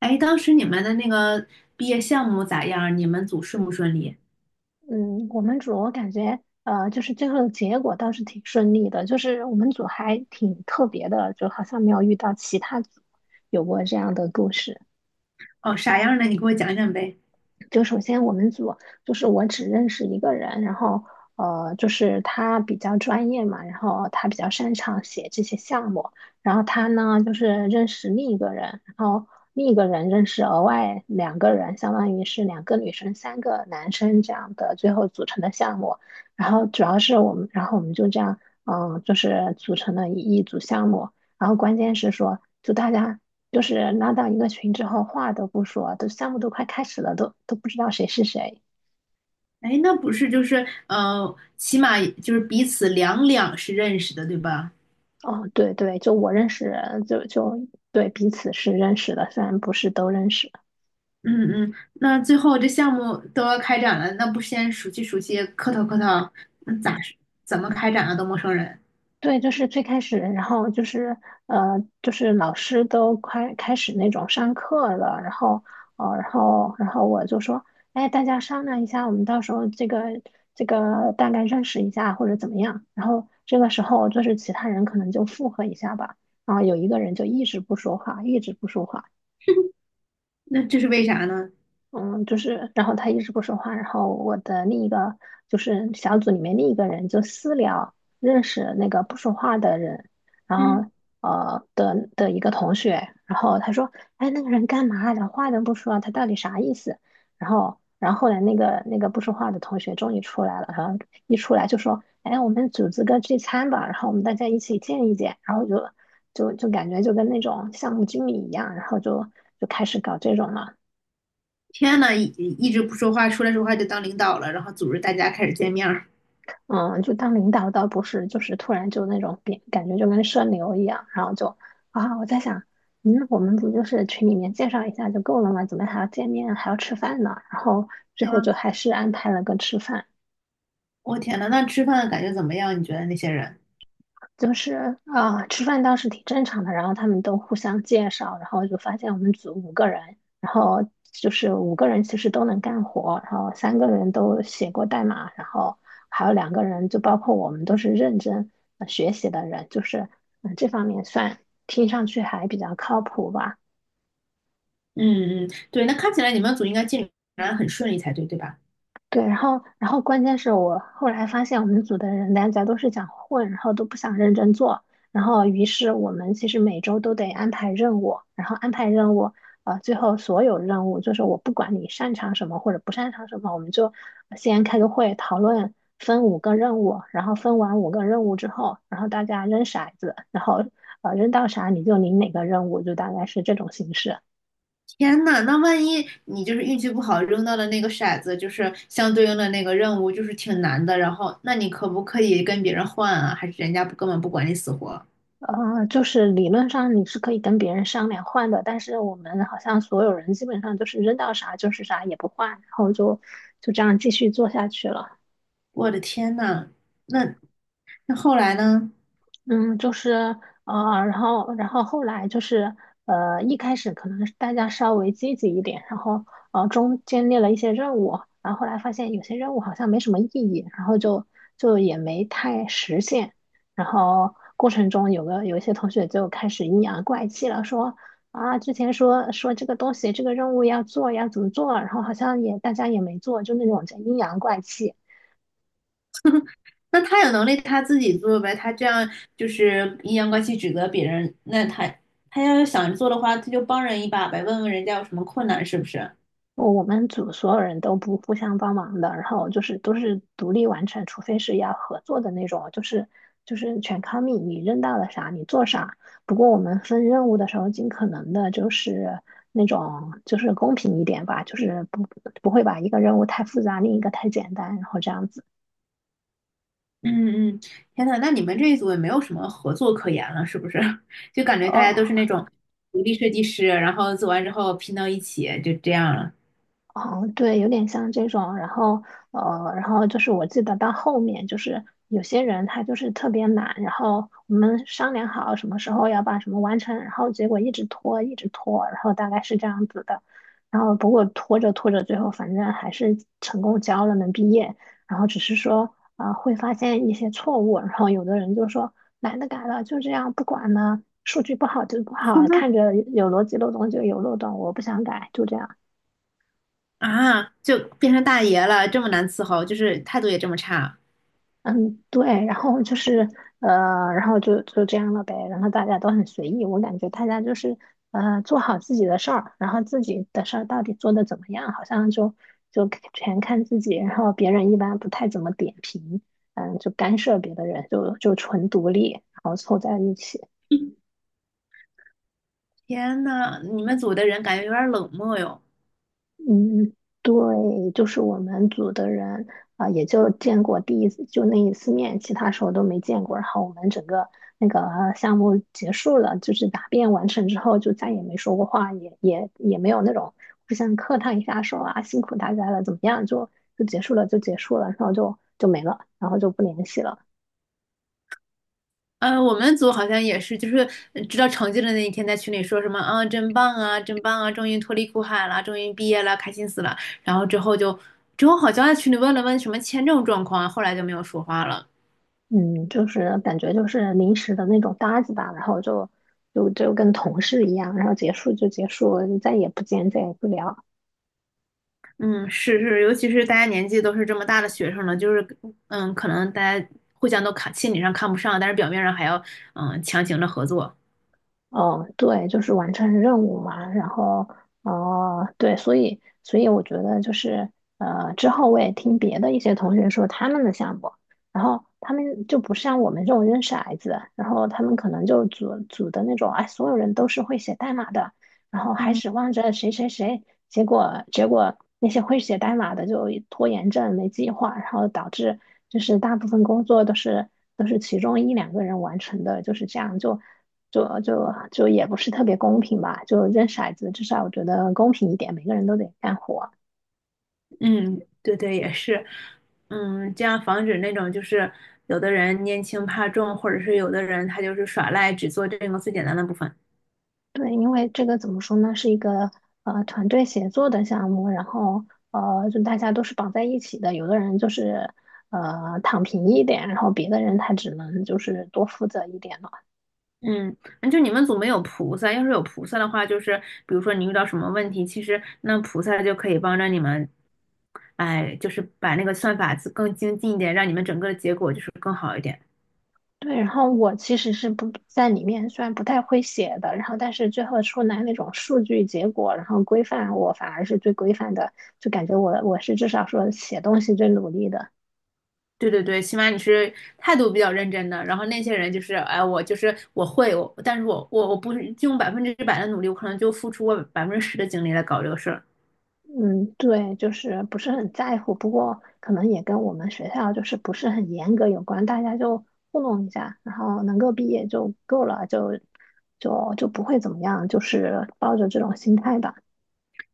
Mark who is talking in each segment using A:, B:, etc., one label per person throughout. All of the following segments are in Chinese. A: 哎，当时你们的那个毕业项目咋样？你们组顺不顺利？
B: 嗯，我们组我感觉，就是最后的结果倒是挺顺利的，就是我们组还挺特别的，就好像没有遇到其他组有过这样的故事。
A: 哦，啥样的？你给我讲讲呗。
B: 就首先我们组就是我只认识一个人，然后就是他比较专业嘛，然后他比较擅长写这些项目，然后他呢就是认识另一个人，然后另一个人认识额外两个人，相当于是两个女生三个男生这样的最后组成的项目，然后主要是我们，然后我们就这样，嗯，就是组成了一组项目，然后关键是说就大家就是拉到一个群之后，话都不说，都项目都快开始了，都不知道谁是谁。
A: 哎，那不是就是起码就是彼此两两是认识的，对吧？
B: 哦，对对，就我认识人，就对彼此是认识的，虽然不是都认识。
A: 嗯嗯，那最后这项目都要开展了，那不先熟悉熟悉，磕头磕头，那咋是怎么开展啊？都陌生人。
B: 对，就是最开始，然后就是就是老师都快开始那种上课了，然后然后我就说，哎，大家商量一下，我们到时候这个大概认识一下或者怎么样。然后这个时候就是其他人可能就附和一下吧，然后有一个人就一直不说话，一直不说话。
A: 那这是为啥呢？
B: 嗯，就是，然后他一直不说话，然后我的另一个就是小组里面另一个人就私聊认识那个不说话的人，然
A: 嗯，
B: 后的一个同学，然后他说，哎，那个人干嘛连话都不说，他到底啥意思？然后后来那个不说话的同学终于出来了，然后一出来就说，哎，我们组织个聚餐吧，然后我们大家一起见一见，然后就感觉就跟那种项目经理一样，然后就开始搞这种了。
A: 天呐，一直不说话，出来说话就当领导了，然后组织大家开始见面儿。
B: 嗯，就当领导倒不是，就是突然就那种变，感觉就跟社牛一样，然后就啊，我在想，嗯，我们不就是群里面介绍一下就够了吗？怎么还要见面，还要吃饭呢？然后最
A: 对
B: 后就
A: 呀，
B: 还是安排了个吃饭。
A: 我天呐，那吃饭感觉怎么样？你觉得那些人？
B: 就是吃饭倒是挺正常的，然后他们都互相介绍，然后就发现我们组五个人，然后就是五个人其实都能干活，然后三个人都写过代码，然后还有两个人就包括我们都是认真学习的人，就是这方面算听上去还比较靠谱吧。
A: 嗯嗯，对，那看起来你们组应该进展很顺利才对，对吧？
B: 对，然后关键是我后来发现我们组的人大家都是想混，然后都不想认真做，然后于是我们其实每周都得安排任务，然后安排任务，最后所有任务就是我不管你擅长什么或者不擅长什么，我们就先开个会讨论，分五个任务，然后分完五个任务之后，然后大家扔骰子，然后扔到啥你就领哪个任务，就大概是这种形式。
A: 天呐，那万一你就是运气不好扔到了那个骰子，就是相对应的那个任务，就是挺难的，然后那你可不可以跟别人换啊？还是人家不根本不管你死活？
B: 就是理论上你是可以跟别人商量换的，但是我们好像所有人基本上就是扔到啥就是啥也不换，然后就这样继续做下去了。
A: 我的天呐，那后来呢？
B: 嗯，就是然后后来就是一开始可能是大家稍微积极一点，然后中间列了一些任务，然后后来发现有些任务好像没什么意义，然后就也没太实现。然后过程中有一些同学就开始阴阳怪气了，说啊之前说说这个东西这个任务要做要怎么做，然后好像也大家也没做，就那种叫阴阳怪气。
A: 那他有能力他自己做呗，他这样就是阴阳怪气指责别人，他要是想做的话，他就帮人一把呗，问问人家有什么困难是不是？
B: 我们组所有人都不互相帮忙的，然后就是都是独立完成，除非是要合作的那种，就是全靠你，你扔到了啥你做啥。不过我们分任务的时候，尽可能的就是那种就是公平一点吧，就是不会把一个任务太复杂，另一个太简单，然后这样子。
A: 嗯嗯，天呐，那你们这一组也没有什么合作可言了，是不是？就感觉大家都是
B: 哦。
A: 那种独立设计师，然后做完之后拼到一起，就这样了。
B: 哦，对，有点像这种，然后然后就是我记得到后面就是有些人他就是特别懒，然后我们商量好什么时候要把什么完成，然后结果一直拖，一直拖，然后大概是这样子的，然后不过拖着拖着，最后反正还是成功交了，能毕业，然后只是说会发现一些错误，然后有的人就说懒得改了，就这样不管了，数据不好就不好，看着有逻辑漏洞就有漏洞，我不想改，就这样。
A: 啊，就变成大爷了，这么难伺候，就是态度也这么差。
B: 嗯，对，然后就是然后就这样了呗，然后大家都很随意，我感觉大家就是做好自己的事儿，然后自己的事儿到底做得怎么样，好像就全看自己，然后别人一般不太怎么点评，嗯，就干涉别的人，就纯独立，然后凑在一起。
A: 天呐，你们组的人感觉有点冷漠哟。
B: 嗯，对，就是我们组的人也就见过第一次，就那一次面，其他时候都没见过。然后我们整个那个项目结束了，就是答辩完成之后，就再也没说过话，也没有那种互相客套一下说啊辛苦大家了，怎么样，就结束了，就结束了，然后就没了，然后就不联系了。
A: 呃，我们组好像也是，就是知道成绩的那一天，在群里说什么啊，真棒啊，真棒啊，终于脱离苦海了，终于毕业了，开心死了。然后之后就，之后好像在群里问了问什么签证状况，后来就没有说话了。
B: 嗯，就是感觉就是临时的那种搭子吧，然后就跟同事一样，然后结束就结束，再也不见，再也不聊。
A: 嗯，是是，尤其是大家年纪都是这么大的学生了，就是嗯，可能大家互相都看心理上看不上，但是表面上还要嗯强行的合作。
B: 哦，对，就是完成任务嘛，然后，哦、对，所以我觉得就是，之后我也听别的一些同学说他们的项目，然后他们就不像我们这种认识骰子，然后他们可能就组的那种，哎，所有人都是会写代码的，然后还
A: 嗯
B: 指望着谁谁谁，结果那些会写代码的就拖延症、没计划，然后导致就是大部分工作都是其中一两个人完成的，就是这样就。就也不是特别公平吧，就扔骰子，至少我觉得公平一点，每个人都得干活。
A: 嗯，对对，也是，嗯，这样防止那种就是有的人拈轻怕重，或者是有的人他就是耍赖，只做这个最简单的部分。
B: 对，因为这个怎么说呢，是一个团队协作的项目，然后就大家都是绑在一起的，有的人就是躺平一点，然后别的人他只能就是多负责一点。
A: 嗯，就你们组没有菩萨，要是有菩萨的话，就是比如说你遇到什么问题，其实那菩萨就可以帮着你们，哎，就是把那个算法子更精进一点，让你们整个的结果就是更好一点。
B: 对，然后我其实是不在里面，虽然不太会写的，然后但是最后出来那种数据结果，然后规范，我反而是最规范的，就感觉我是至少说写东西最努力的。
A: 对对对，起码你是态度比较认真的，然后那些人就是，哎，我就是我会，我但是我不是用100%的努力，我可能就付出我10%的精力来搞这个事儿。
B: 嗯，对，就是不是很在乎，不过可能也跟我们学校就是不是很严格有关，大家就糊弄一下，然后能够毕业就够了，就不会怎么样，就是抱着这种心态吧。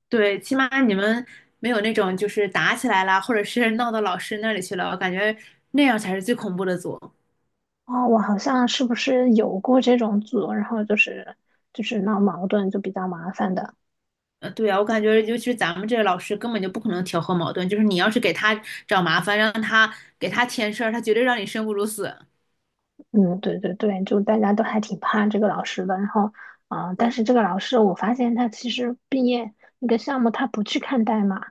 A: 对，起码你们没有那种就是打起来啦，或者是 闹到老师那里去了，我感觉那样才是最恐怖的组。
B: 哦，我好像是不是有过这种组，然后就是闹矛盾，就比较麻烦的。
A: 对啊，我感觉尤其是咱们这个老师根本就不可能调和矛盾，就是你要是给他找麻烦，让他给他添事儿，他绝对让你生不如死。
B: 嗯，对对对，就大家都还挺怕这个老师的。然后，但
A: 对，
B: 是这个老师我发现他其实毕业那个项目他不去看代码。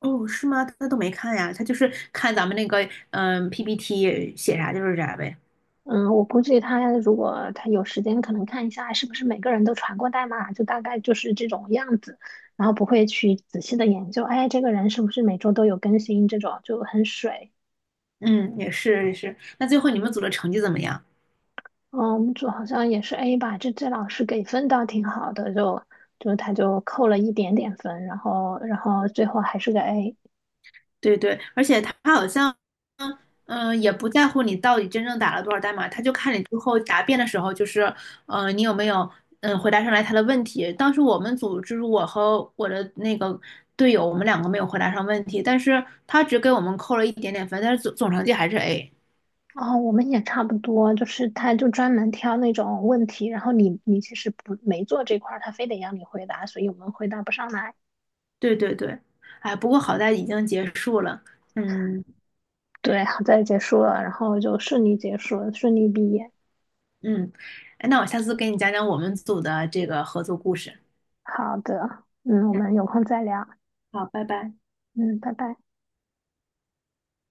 A: 哦，是吗？他都没看呀，他就是看咱们那个PPT 写啥就是啥呗。
B: 嗯，我估计他如果他有时间，可能看一下是不是每个人都传过代码，就大概就是这种样子，然后不会去仔细的研究，哎，这个人是不是每周都有更新这种，就很水。
A: 嗯，也是也是。那最后你们组的成绩怎么样？
B: 嗯，我们组好像也是 A 吧，这老师给分倒挺好的，就他就扣了一点点分，然后最后还是个 A。
A: 对对，而且他好像，嗯、也不在乎你到底真正打了多少代码，他就看你最后答辩的时候，就是，你有没有，嗯，回答上来他的问题。当时我们组就是我和我的那个队友，我们两个没有回答上问题，但是他只给我们扣了一点点分，但是总成绩还是 A。
B: 哦，我们也差不多，就是他就专门挑那种问题，然后你其实不没做这块儿，他非得让你回答，所以我们回答不上来。
A: 对对对，哎，不过好在已经结束了。嗯
B: 对，好在结束了，然后就顺利结束了，顺利毕业。
A: 嗯，哎，那我下次给你讲讲我们组的这个合作故事。
B: 好的，嗯，我
A: 嗯，
B: 们有空再聊，
A: 好，拜拜。
B: 嗯，拜拜。